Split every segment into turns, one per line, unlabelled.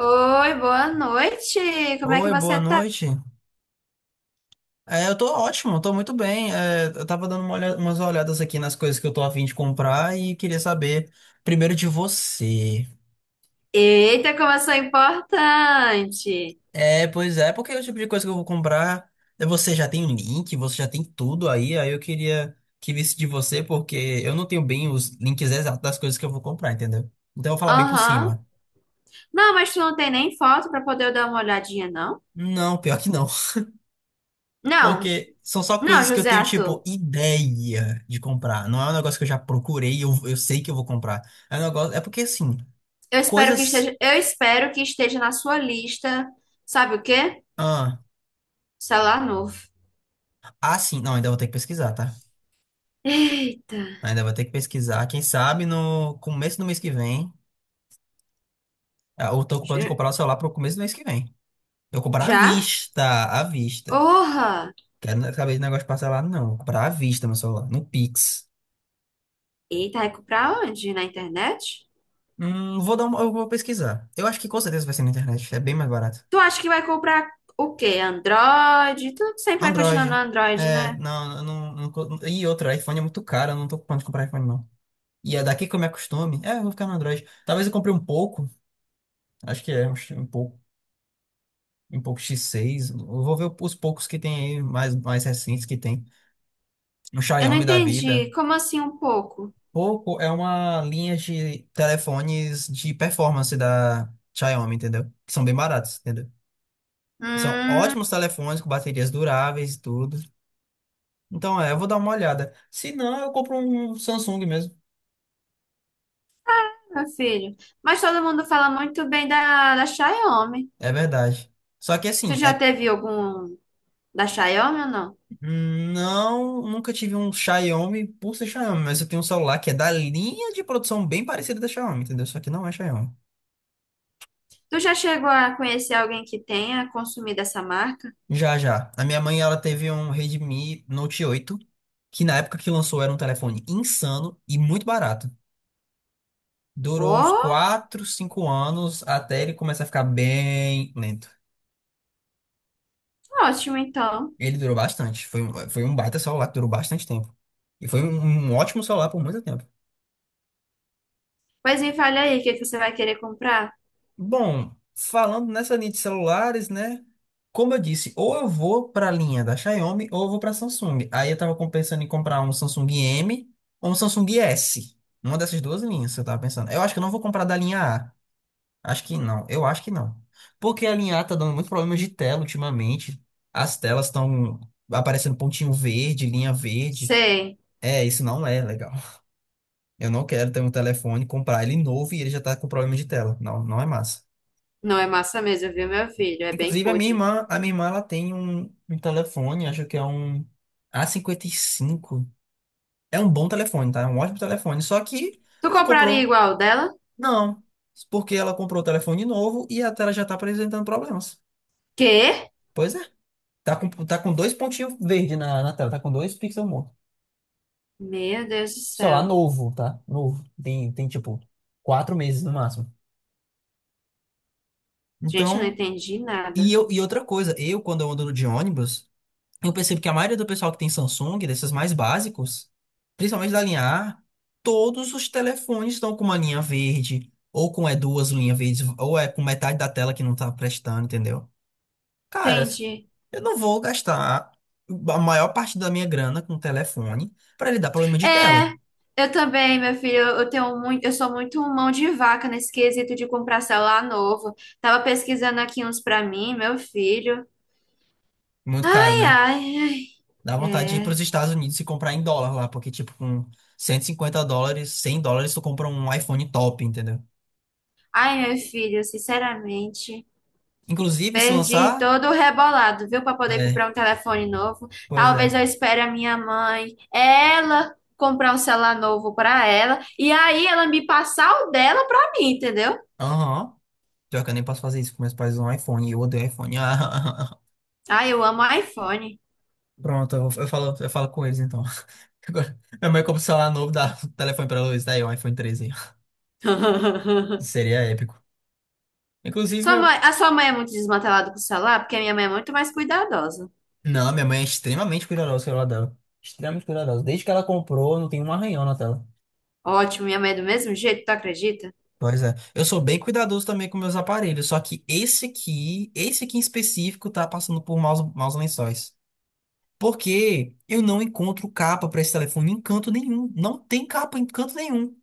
Oi, boa noite. Como é que
Oi, boa
você tá?
noite. Eu tô ótimo, tô muito bem. Eu tava dando umas olhadas aqui nas coisas que eu tô a fim de comprar e queria saber primeiro de você.
Eita, como eu sou importante.
Pois é, porque é o tipo de coisa que eu vou comprar, você já tem o link, você já tem tudo aí, aí eu queria que visse de você, porque eu não tenho bem os links exatos das coisas que eu vou comprar, entendeu? Então eu vou falar bem por
Aham.
cima.
Não, mas tu não tem nem foto pra poder eu dar uma olhadinha, não?
Não, pior que não.
Não,
Porque são só
não,
coisas que eu
José
tenho,
Arthur.
tipo, ideia de comprar. Não é um negócio que eu já procurei e eu sei que eu vou comprar. É um negócio. É porque, assim, coisas.
Eu espero que esteja na sua lista. Sabe o quê?
Ah,
Celular novo.
ah, sim. Não, ainda vou ter que pesquisar, tá?
Eita.
Ainda vou ter que pesquisar. Quem sabe no começo do mês que vem. Eu tô com plano de
J-
comprar o celular pro começo do mês que vem. Eu vou comprar à
Já?
vista, à vista.
Orra.
Quero não saber de negócio parcelado, não. Eu vou comprar à vista meu celular, no Pix.
Eita, vai comprar onde? Na internet?
Vou dar uma, eu vou pesquisar. Eu acho que com certeza vai ser na internet. É bem mais barato.
Tu acha que vai comprar o quê? Android? Tu sempre vai continuar no
Android.
Android,
É,
né?
não, eu não, não, co- E outra, iPhone é muito caro, eu não tô com plano de comprar iPhone, não. E é daqui que eu me acostume. É, eu vou ficar no Android. Talvez eu compre um pouco, acho que é um pouco X6. Eu vou ver os poucos que tem aí, mais, mais recentes que tem. Um
Eu não
Xiaomi da
entendi.
vida.
Como assim um pouco?
Poco é uma linha de telefones de performance da Xiaomi, entendeu? Que são bem baratos, entendeu? São
Hum,
ótimos telefones com baterias duráveis e tudo. Então, eu vou dar uma olhada. Se não, eu compro um Samsung mesmo.
Meu filho. Mas todo mundo fala muito bem da Xiaomi.
É verdade. Só que
Tu
assim,
já teve algum da Xiaomi ou não?
não, nunca tive um Xiaomi por ser Xiaomi, mas eu tenho um celular que é da linha de produção bem parecida da Xiaomi, entendeu? Só que não é Xiaomi.
Tu já chegou a conhecer alguém que tenha consumido essa marca?
Já, já. A minha mãe, ela teve um Redmi Note 8, que na época que lançou era um telefone insano e muito barato. Durou uns
Oh,
4, 5 anos até ele começar a ficar bem lento.
ótimo, então.
Ele durou bastante. Foi um baita celular que durou bastante tempo. E foi um ótimo celular por muito tempo.
Pois me fale aí, o que que você vai querer comprar?
Bom, falando nessa linha de celulares, né? Como eu disse, ou eu vou para a linha da Xiaomi ou eu vou para a Samsung. Aí pensando em comprar um Samsung M ou um Samsung S. Uma dessas duas linhas, eu tava pensando. Eu acho que eu não vou comprar da linha A. Acho que não. Eu acho que não. Porque a linha A tá dando muito problema de tela ultimamente. As telas estão aparecendo pontinho verde, linha verde.
Sei.
É, isso não é legal. Eu não quero ter um telefone, comprar ele novo e ele já tá com problema de tela. Não, não é massa.
Não é massa mesmo, viu, meu filho? É bem
Inclusive,
pude.
a minha irmã, ela tem um, um telefone, acho que é um A55. É um bom telefone, tá? É um ótimo telefone. Só que
Tu
ela
compraria
comprou.
igual dela?
Não, porque ela comprou o telefone novo e a tela já tá apresentando problemas.
Quê?
Pois é. Tá com dois pontinhos verdes na tela, tá com dois pixels mortos.
Meu Deus do
Celular
céu.
novo, tá? Novo. Tem tipo 4 meses no máximo.
Gente, eu não
Então,
entendi nada.
e outra coisa, eu quando eu ando de ônibus. Eu percebo que a maioria do pessoal que tem Samsung, desses mais básicos, principalmente da linha A, todos os telefones estão com uma linha verde, ou com duas linhas verdes, ou é com metade da tela que não tá prestando, entendeu? Cara,
Entendi.
eu não vou gastar a maior parte da minha grana com telefone pra ele dar problema de
É,
tela.
eu também, meu filho, eu sou muito mão de vaca nesse quesito de comprar celular novo. Tava pesquisando aqui uns pra mim, meu filho.
Muito caro,
Ai,
né?
ai, ai.
Dá vontade de ir pros
É.
Estados Unidos e comprar em dólar lá, porque tipo, com US$ 150, US$ 100, tu compra um iPhone top, entendeu?
Ai, meu filho, sinceramente,
Inclusive, se
perdi
lançar.
todo o rebolado, viu, pra poder
É,
comprar um telefone novo.
pois
Talvez
é.
eu espere a minha mãe, ela comprar um celular novo pra ela e aí ela me passar o dela pra mim, entendeu?
Aham. Pior que eu nem posso fazer isso, porque meus pais usam iPhone e eu odeio iPhone. Ah,
Ai, eu amo iPhone.
pronto, eu falo com eles então. Agora, minha mãe compra um celular novo, dá o telefone pra Luiz, tá aí, um iPhone 13. Seria épico. Inclusive,
Sua mãe,
meu.
a sua mãe é muito desmantelada com o celular, porque a minha mãe é muito mais cuidadosa.
Não, minha mãe é extremamente cuidadosa com o celular dela. Extremamente cuidadosa. Desde que ela comprou, não tem um arranhão na tela.
Ótimo, minha mãe é do mesmo jeito, tu acredita?
Pois é. Eu sou bem cuidadoso também com meus aparelhos, só que esse aqui em específico, tá passando por maus lençóis. Porque eu não encontro capa pra esse telefone em canto nenhum. Não tem capa em canto nenhum.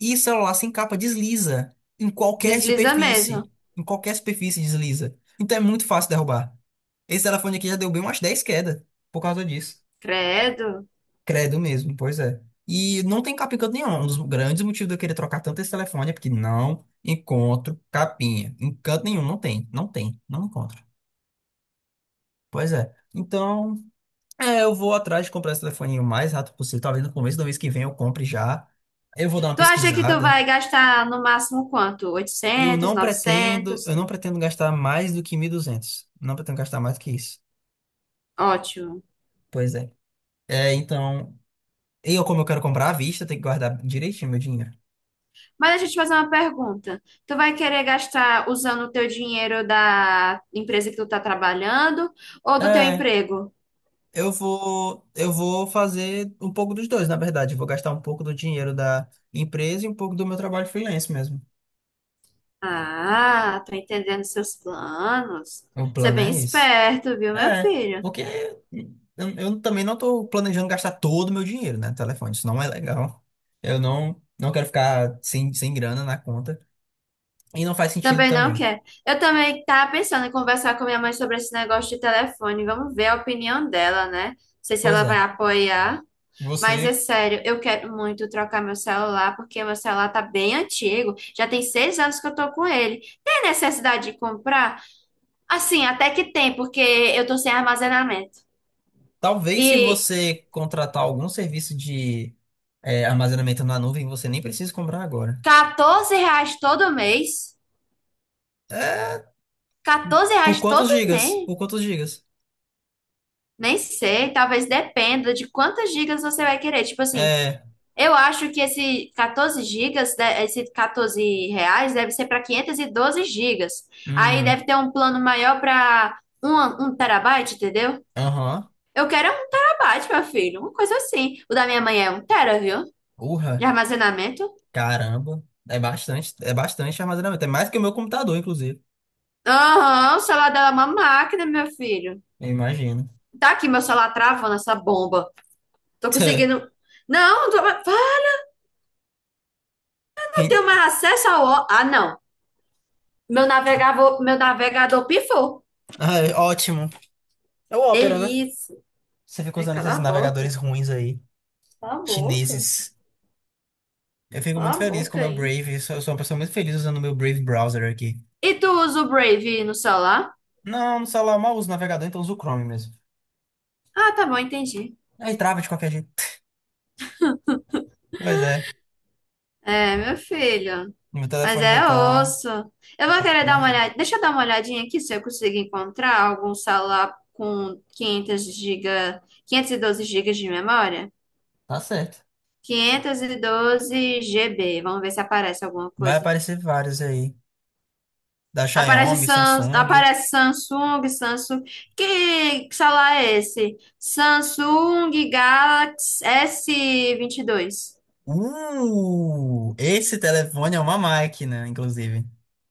E o celular sem capa desliza em qualquer
Desliza
superfície.
mesmo.
Em qualquer superfície desliza. Então é muito fácil derrubar. Esse telefone aqui já deu bem umas 10 quedas por causa disso.
Credo.
Credo mesmo, pois é. E não tem capinha em canto nenhum. Um dos grandes motivos de eu querer trocar tanto esse telefone é porque não encontro capinha. Em canto nenhum, não tem. Não tem. Não encontro. Pois é. Então, eu vou atrás de comprar esse telefoninho o mais rápido possível. Talvez no começo do mês que vem eu compre já. Eu vou dar uma
Tu acha que tu
pesquisada.
vai gastar no máximo quanto? 800, 900?
Eu não pretendo gastar mais do que 1.200. Não pretendo gastar mais do que isso.
Ótimo.
Pois é. É, então, eu como eu quero comprar à vista, tenho que guardar direitinho meu dinheiro.
Mas deixa eu te fazer uma pergunta. Tu vai querer gastar usando o teu dinheiro da empresa que tu tá trabalhando ou do teu
É,
emprego?
eu vou fazer um pouco dos dois, na verdade. Eu vou gastar um pouco do dinheiro da empresa e um pouco do meu trabalho freelance mesmo.
Ah, tô entendendo seus planos.
O
Você é
plano
bem
é esse.
esperto, viu, meu
É,
filho?
porque eu também não tô planejando gastar todo o meu dinheiro, né, no telefone. Isso não é legal. Eu não, não quero ficar sem grana na conta. E não faz sentido
Também não
também.
quer. Eu também tava pensando em conversar com minha mãe sobre esse negócio de telefone. Vamos ver a opinião dela, né? Não sei se
Pois
ela
é.
vai apoiar. Mas é
Você,
sério, eu quero muito trocar meu celular, porque meu celular tá bem antigo. Já tem 6 anos que eu tô com ele. Tem necessidade de comprar? Assim, até que tem, porque eu tô sem armazenamento.
talvez se
E
você contratar algum serviço de armazenamento na nuvem, você nem precisa comprar agora.
R$ 14 todo mês?
É,
14
por
reais
quantos
todo
gigas?
mês?
Por quantos gigas?
Nem sei, talvez dependa de quantas gigas você vai querer. Tipo assim,
É,
eu acho que esse 14 gigas, esse R$ 14 deve ser para 512 gigas. Aí
hum,
deve ter um plano maior para um terabyte, entendeu?
aham,
Eu quero é 1 terabyte, meu filho, uma coisa assim. O da minha mãe é um tera, viu? De
urra,
armazenamento.
caramba. É bastante armazenamento. É mais que o meu computador, inclusive.
Aham, o celular dela é uma máquina, meu filho.
Eu imagino.
Tá aqui meu celular travando essa bomba. Tô conseguindo. Não, tô, ah, eu tenho mais acesso ao. Ah, não. Meu navegador pifou.
Ai, ótimo. É o Opera, né?
Delícia.
Você fica
Ai,
usando
cala
esses
a
navegadores
boca.
ruins aí,
Cala a boca.
chineses. Eu fico
Cala
muito
a
feliz com o
boca,
meu
hein?
Brave. Eu sou uma pessoa muito feliz usando o meu Brave browser aqui.
E tu usa o Brave no celular?
Não, no celular eu mal uso o navegador, então uso o Chrome mesmo.
Ah, tá bom, entendi.
Aí trava de qualquer jeito. Pois é,
É, meu filho.
meu
Mas
telefone já
é
tá.
osso. Eu
Já
vou
tá
querer
na
dar uma
riga.
olhada. Deixa eu dar uma olhadinha aqui se eu consigo encontrar algum celular com 512 gigas de memória.
Tá certo.
512 GB. Vamos ver se aparece alguma
Vai
coisa.
aparecer vários aí. Da
Aparece,
Xiaomi, Samsung.
Aparece Samsung, Samsung. Que celular é esse? Samsung Galaxy s 22.
Esse telefone é uma máquina, inclusive.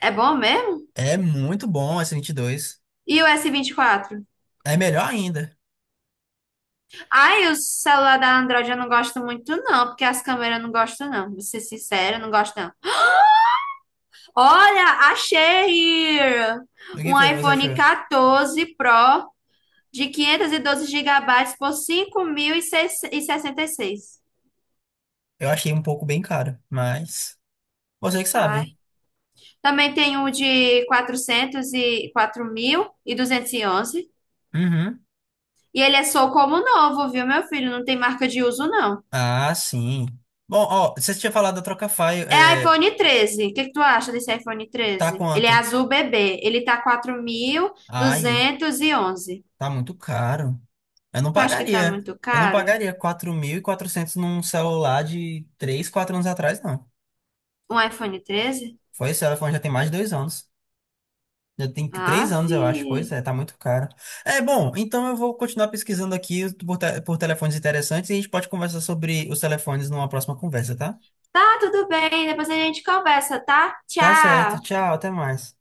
É bom mesmo?
É muito bom esse 22.
E o s 24?
É melhor ainda.
Ai, o celular da Android eu não gosto muito, não, porque as câmeras eu não gosto, não. Vou ser sincera, eu não gosto, não. Olha, achei
O que
um
foi que você
iPhone
achou?
14 Pro de 512 gigabytes por 5.066.
Eu achei um pouco bem caro, mas. Você que sabe.
Também tem o de 400 e 4.211. E onze.
Uhum.
E ele é só como novo, viu, meu filho? Não tem marca de uso, não.
Ah, sim. Bom, ó, você tinha falado da Trocafy,
É iPhone 13. O que que tu acha desse iPhone
tá
treze Ele é
quanto?
azul bebê. Ele tá quatro mil
Ai.
duzentos e onze
Tá muito caro. Eu não
Tu acha que tá
pagaria.
muito
Eu não
caro?
pagaria 4.400 num celular de 3 4 anos atrás, não.
Um iPhone 13.
Foi esse telefone já tem mais de 2 anos. Três
Aff.
anos, eu acho. Pois é, tá muito caro. É, bom, então eu vou continuar pesquisando aqui por telefones interessantes e a gente pode conversar sobre os telefones numa próxima conversa, tá?
Tá, tudo bem. Depois a gente conversa, tá?
Tá certo.
Tchau.
Tchau, até mais.